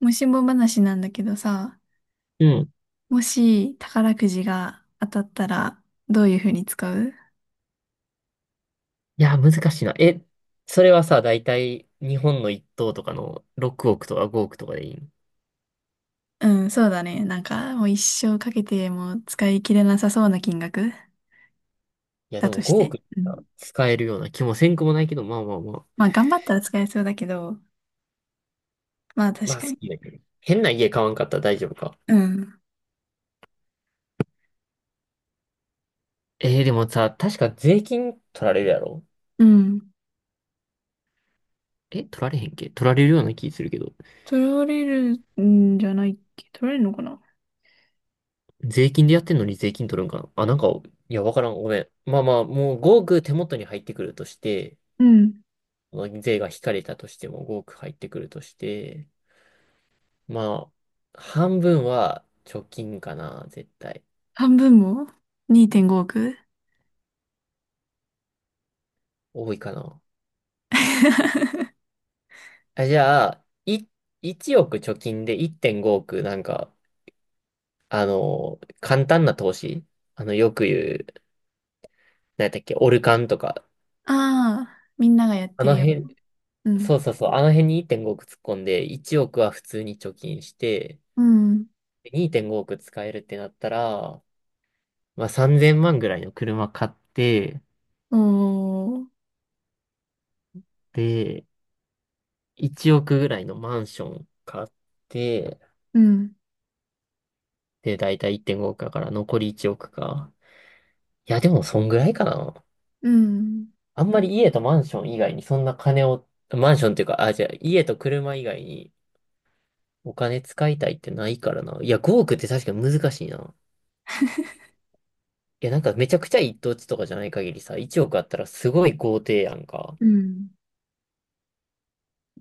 もしも話なんだけどさ、うん。もし宝くじが当たったらどういう風に使う？いや、難しいな。それはさ、だいたい日本の一等とかの6億とか5億とかでいいの？うん、そうだね。なんかもう一生かけても使い切れなさそうな金額いや、だでもとし5て。億うん。さ使えるような気もせんくもないけど、まあまあまあ。まあ頑張ったら使えそうだけど、まあ確まあか好に。きだけど。変な家買わんかったら大丈夫か。うん。でもさ、確か税金取られるやろ？うん。え、取られへんっけ？取られるような気するけど。取られるんじゃないっけ？取られるのかな。税金でやってんのに税金取るんかなあ、なんか、いや、わからん。ごめん。まあまあ、もう5億手元に入ってくるとして、うん。税が引かれたとしても5億入ってくるとして、まあ、半分は貯金かな、絶対。半分も？ 2.5 億？ 多いかな。あ、じゃあ、1億貯金で1.5億、なんか、あの、簡単な投資、あの、よく言う、何やったっけ、オルカンとか。ああ、みんながやっあてるのよ辺、うな。そうそうそう、あの辺に1.5億突っ込んで、1億は普通に貯金して、うん。で2.5億使えるってなったら、まあ3000万ぐらいの車買って、うん。おー。で、1億ぐらいのマンション買って、うん。で、だいたい1.5億だから残り1億か。いや、でもそんぐらいかな。うん。あんまり家とマンション以外にそんな金を、マンションっていうか、あ、じゃあ家と車以外にお金使いたいってないからな。いや、5億って確かに難しいな。いや、なんかめちゃくちゃ一等地とかじゃない限りさ、1億あったらすごい豪邸やんか。うん。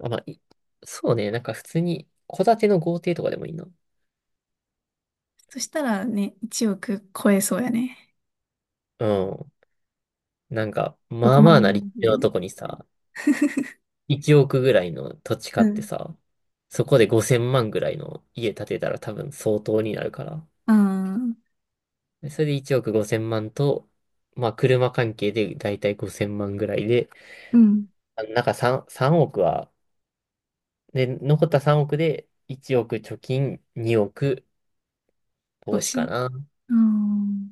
あ、まあ、そうね、なんか普通に戸建ての豪邸とかでもいいな。そしたらね、1億超えそうやね。うん。なんか、どまこあままあでなで立もいけ地るのね。とこにさ、1億ぐらいの土地買うってん。さ、そこで5000万ぐらいの家建てたら多分相当になるから。ああ、でそれで1億5000万と、まあ車関係でだいたい5000万ぐらいで、うん。あなんか3億は、で、残った3億で1億貯金、2億欲投資しかい。な。うん。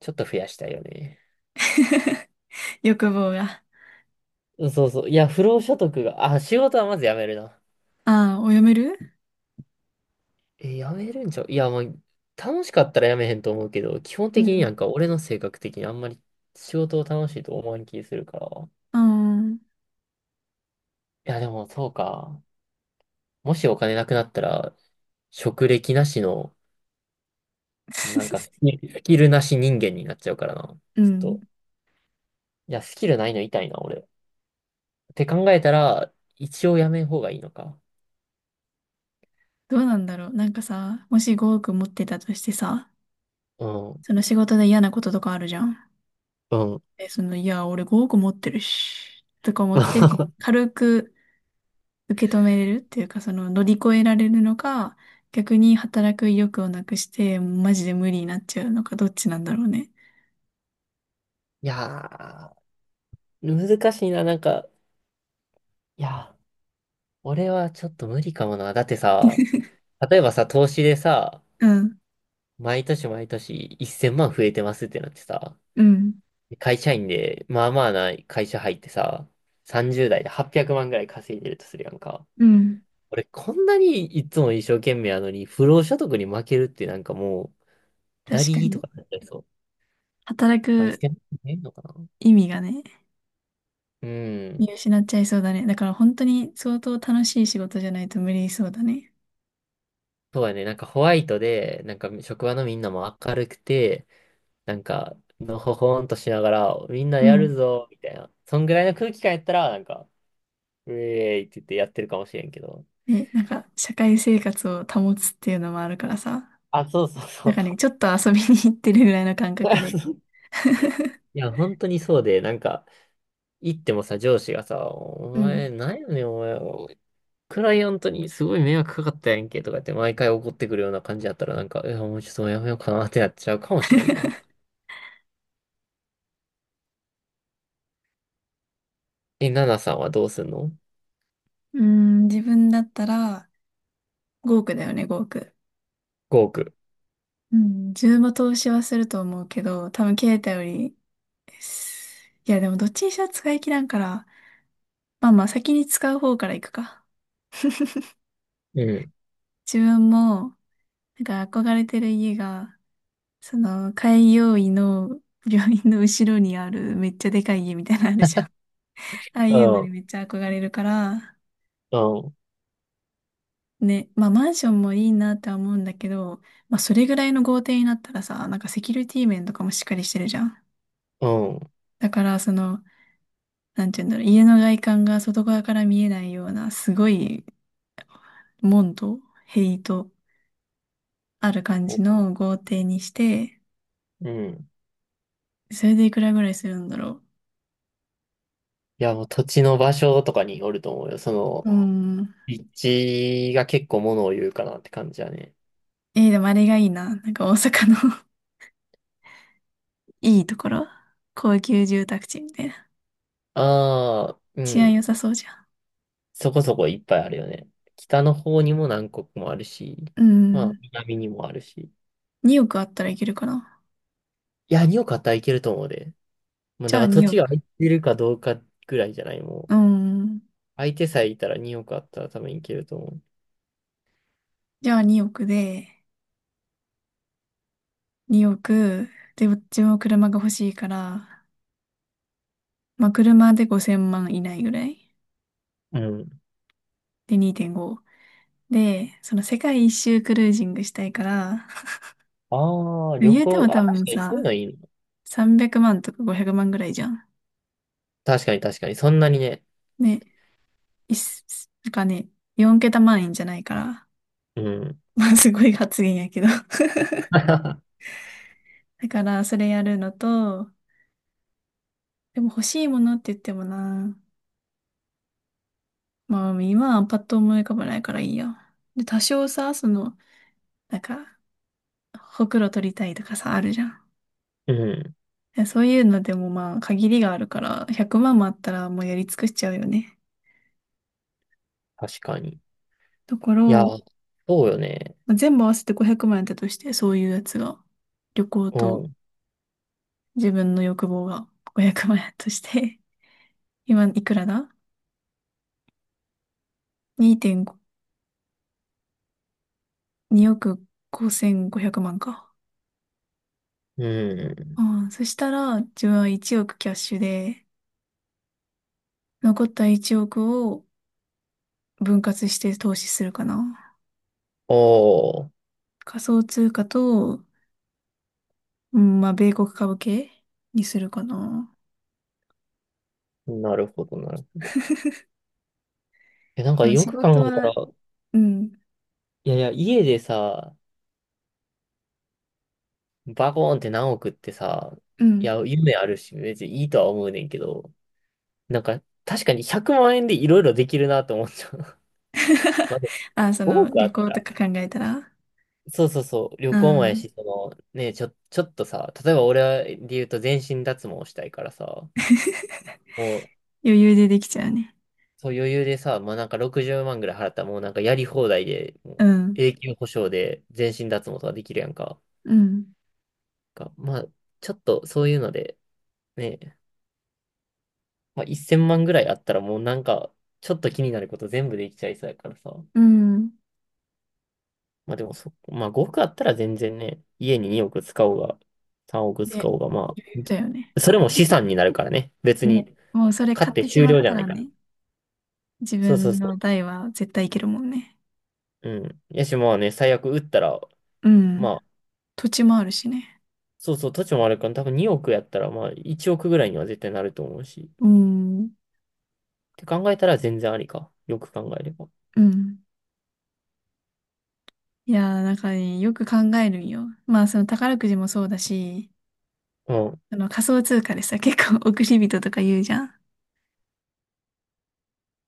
ちょっと増やしたいよね。欲望が。うん、そうそう。いや、不労所得が、あ、仕事はまずやめるな。ああ、お読める。え、やめるんちゃう？いや、まあ、楽しかったらやめへんと思うけど、基本う的にん。なんか俺の性格的にあんまり仕事を楽しいと思わん気するから。いうん。や、でもそうか。もしお金なくなったら、職歴なしの、なんかスキルなし人間になっちゃうからな。ちょっうん。と、いや、スキルないの痛いな、俺。って考えたら、一応やめん方がいいのか。どうなんだろう。なんかさ、もし5億持ってたとしてさ、うん、その仕事で嫌なこととかあるじゃん。うん。え、その、いや、俺5億持ってるし、とか思って、軽く受け止めれるっていうか、その乗り越えられるのか、逆に働く意欲をなくして、マジで無理になっちゃうのか、どっちなんだろうね。いやー、難しいな、なんか、いやー俺はちょっと無理かもな。だってさ、例えばさ、投資でさ、うん、毎年毎年1000万増えてますってなってさ、うん、会社員で、まあまあな会社入ってさ、30代で800万ぐらい稼いでるとするやんか。うん。俺、こんなにいつも一生懸命やのに、不労所得に負けるってなんかもう、ダ確かリーとに。かになっちゃいそう。働まあ、く1000万増えんのかな。意味がね、う見ん。失っちゃいそうだね。だから本当に相当楽しい仕事じゃないと無理そうだね。そうやね。なんかホワイトで、なんか職場のみんなも明るくて、なんか、のほほんとしながら、みんなうやるん。ぞ、みたいな。そんぐらいの空気感やったら、なんか、ウェーイって言ってやってるかもしれんけど。で、なんか、社会生活を保つっていうのもあるからさ、あ、そうそうそなんかね、う。ちょっと遊びに行ってるぐらいの感覚で。いや、本当にそうで、なんか、行ってもさ、上司がさ、おう前、ん。なんやねん、お前、クライアントにすごい迷惑かかったやんけ、とかって毎回怒ってくるような感じだったら、なんか、いや、もうちょっともうやめようかなってなっちゃうかもしれんな。え、ナナさんはどうすんの うーん、自分だったら、5億だよね、5億。?5 億。うん、自分も投資はすると思うけど、多分携帯より、いやでもどっちにしろ使い切らんから、まあまあ先に使う方から行くか。うん。自分も、なんか憧れてる家が、その、開業医の病院の後ろにあるめっちゃでかい家みたいなのあるじゃん。ああういうのにん。めっちゃ憧れるから、うん。ね、まあマンションもいいなっては思うんだけど、まあそれぐらいの豪邸になったらさ、なんかセキュリティ面とかもしっかりしてるじゃん。うん。だからその、なんて言うんだろう、家の外観が外側から見えないような、すごい、門と塀とある感じの豪邸にして、うん。それでいくらぐらいするんだろいや、もう土地の場所とかによると思うよ。そう。の、うーん。立地が結構ものを言うかなって感じだね。でもあれがいいな。なんか大阪の いいところ。高級住宅地みたいな。ああ、う治安ん。良さそうじゃそこそこいっぱいあるよね。北の方にも南国もあるし、ん。うまあ、ん。南にもあるし。2億あったらいけるかな。いや、におかったらいけると思うで。もうじだゃあから土2地億。が空いてるかどうかぐらいじゃない、もうう。ん。相手さえいたらにおかあったら多分いけると思じゃあ2億で、2億。で、うちも車が欲しいから、まあ、車で5000万以内ぐらい。う。うん。で、2.5。で、その世界一周クルージングしたいから、ああ、でも旅言うて行、もあ、多確分かにそさ、ういうのいいの。300万とか500万ぐらいじゃん。確かに確かに、そんなにね。ね、いっす、なんかね、4桁万円じゃないから、うん。まあすごい発言やけど。だからそれやるのと、でも欲しいものって言ってもな、まあ今はパッと思い浮かばないからいいや。で、多少さ、その、なんか、ほくろ取りたいとかさ、あるじゃん。うん。でそういうのでもまあ限りがあるから、100万もあったらもうやり尽くしちゃうよね。確かに。とこいや、ろそうよね。まあ全部合わせて500万円っとして、そういうやつが、旅行うとん。自分の欲望が500万円だとして、今いくらだ？ 2.5、2億5500万か。ううん。ん、そしたら、自分は1億キャッシュで、残った1億を分割して投資するかな。おー。仮想通貨と、うん、まあ、米国株系にするかな。なるほど、なるほど。え、なんかでもよ仕く考事えたは、ら、うん、いやいや、家でさ、バコーンって何億ってさ、ういん。や、夢あるし、別にいいとは思うねんけど、なんか、確かに100万円でいろいろできるなと思っちゃう。まあ、であ、そもの、億あ旅っ行たとら、か考えたら、そうそうそう、旅う行もやん し、その、ね、ちょっとさ、例えば俺で言うと全身脱毛したいからさ、も 余裕でできちゃうね。そう余裕でさ、まあなんか60万ぐらい払ったらもうなんかやり放題で、もううん。永久保証で全身脱毛とかできるやんか。うん。かまあちょっとそういうので、ね、まあ、1000万ぐらいあったらもうなんかちょっと気になること全部できちゃいそうやからさ。うん。まあでもまあ5億あったら全然ね、家に2億使おうが、3億で、使おうが、まだよね。あ、それも資産になるからね。別に、ね。もうそれ買買っっててし終まっ了じゃたならいから。ね、自そうそう分のそ代は絶対いけるもんね。う。うん。やし、まあね、最悪売ったら、うまん。あ土地もあるしね。そうそう、土地もあるから、多分2億やったら、まあ1億ぐらいには絶対なると思うし。うん。って考えたら全然ありか。よく考えれば。うん。いやー、なんかね、よく考えるんよ。まあ、その宝くじもそうだし、うん。あの仮想通貨でさ、結構 送り人とか言うじゃん。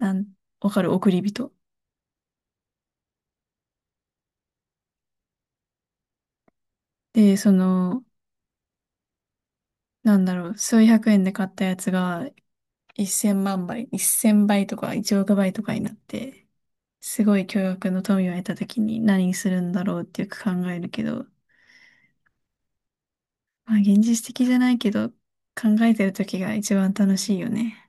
なん、わかる、送り人。で、その、なんだろう、数百円で買ったやつが1000万倍、1000倍とか1億倍とかになって、すごい巨額の富を得た時に何するんだろうってよく考えるけど、まあ現実的じゃないけど、考えてる時が一番楽しいよね。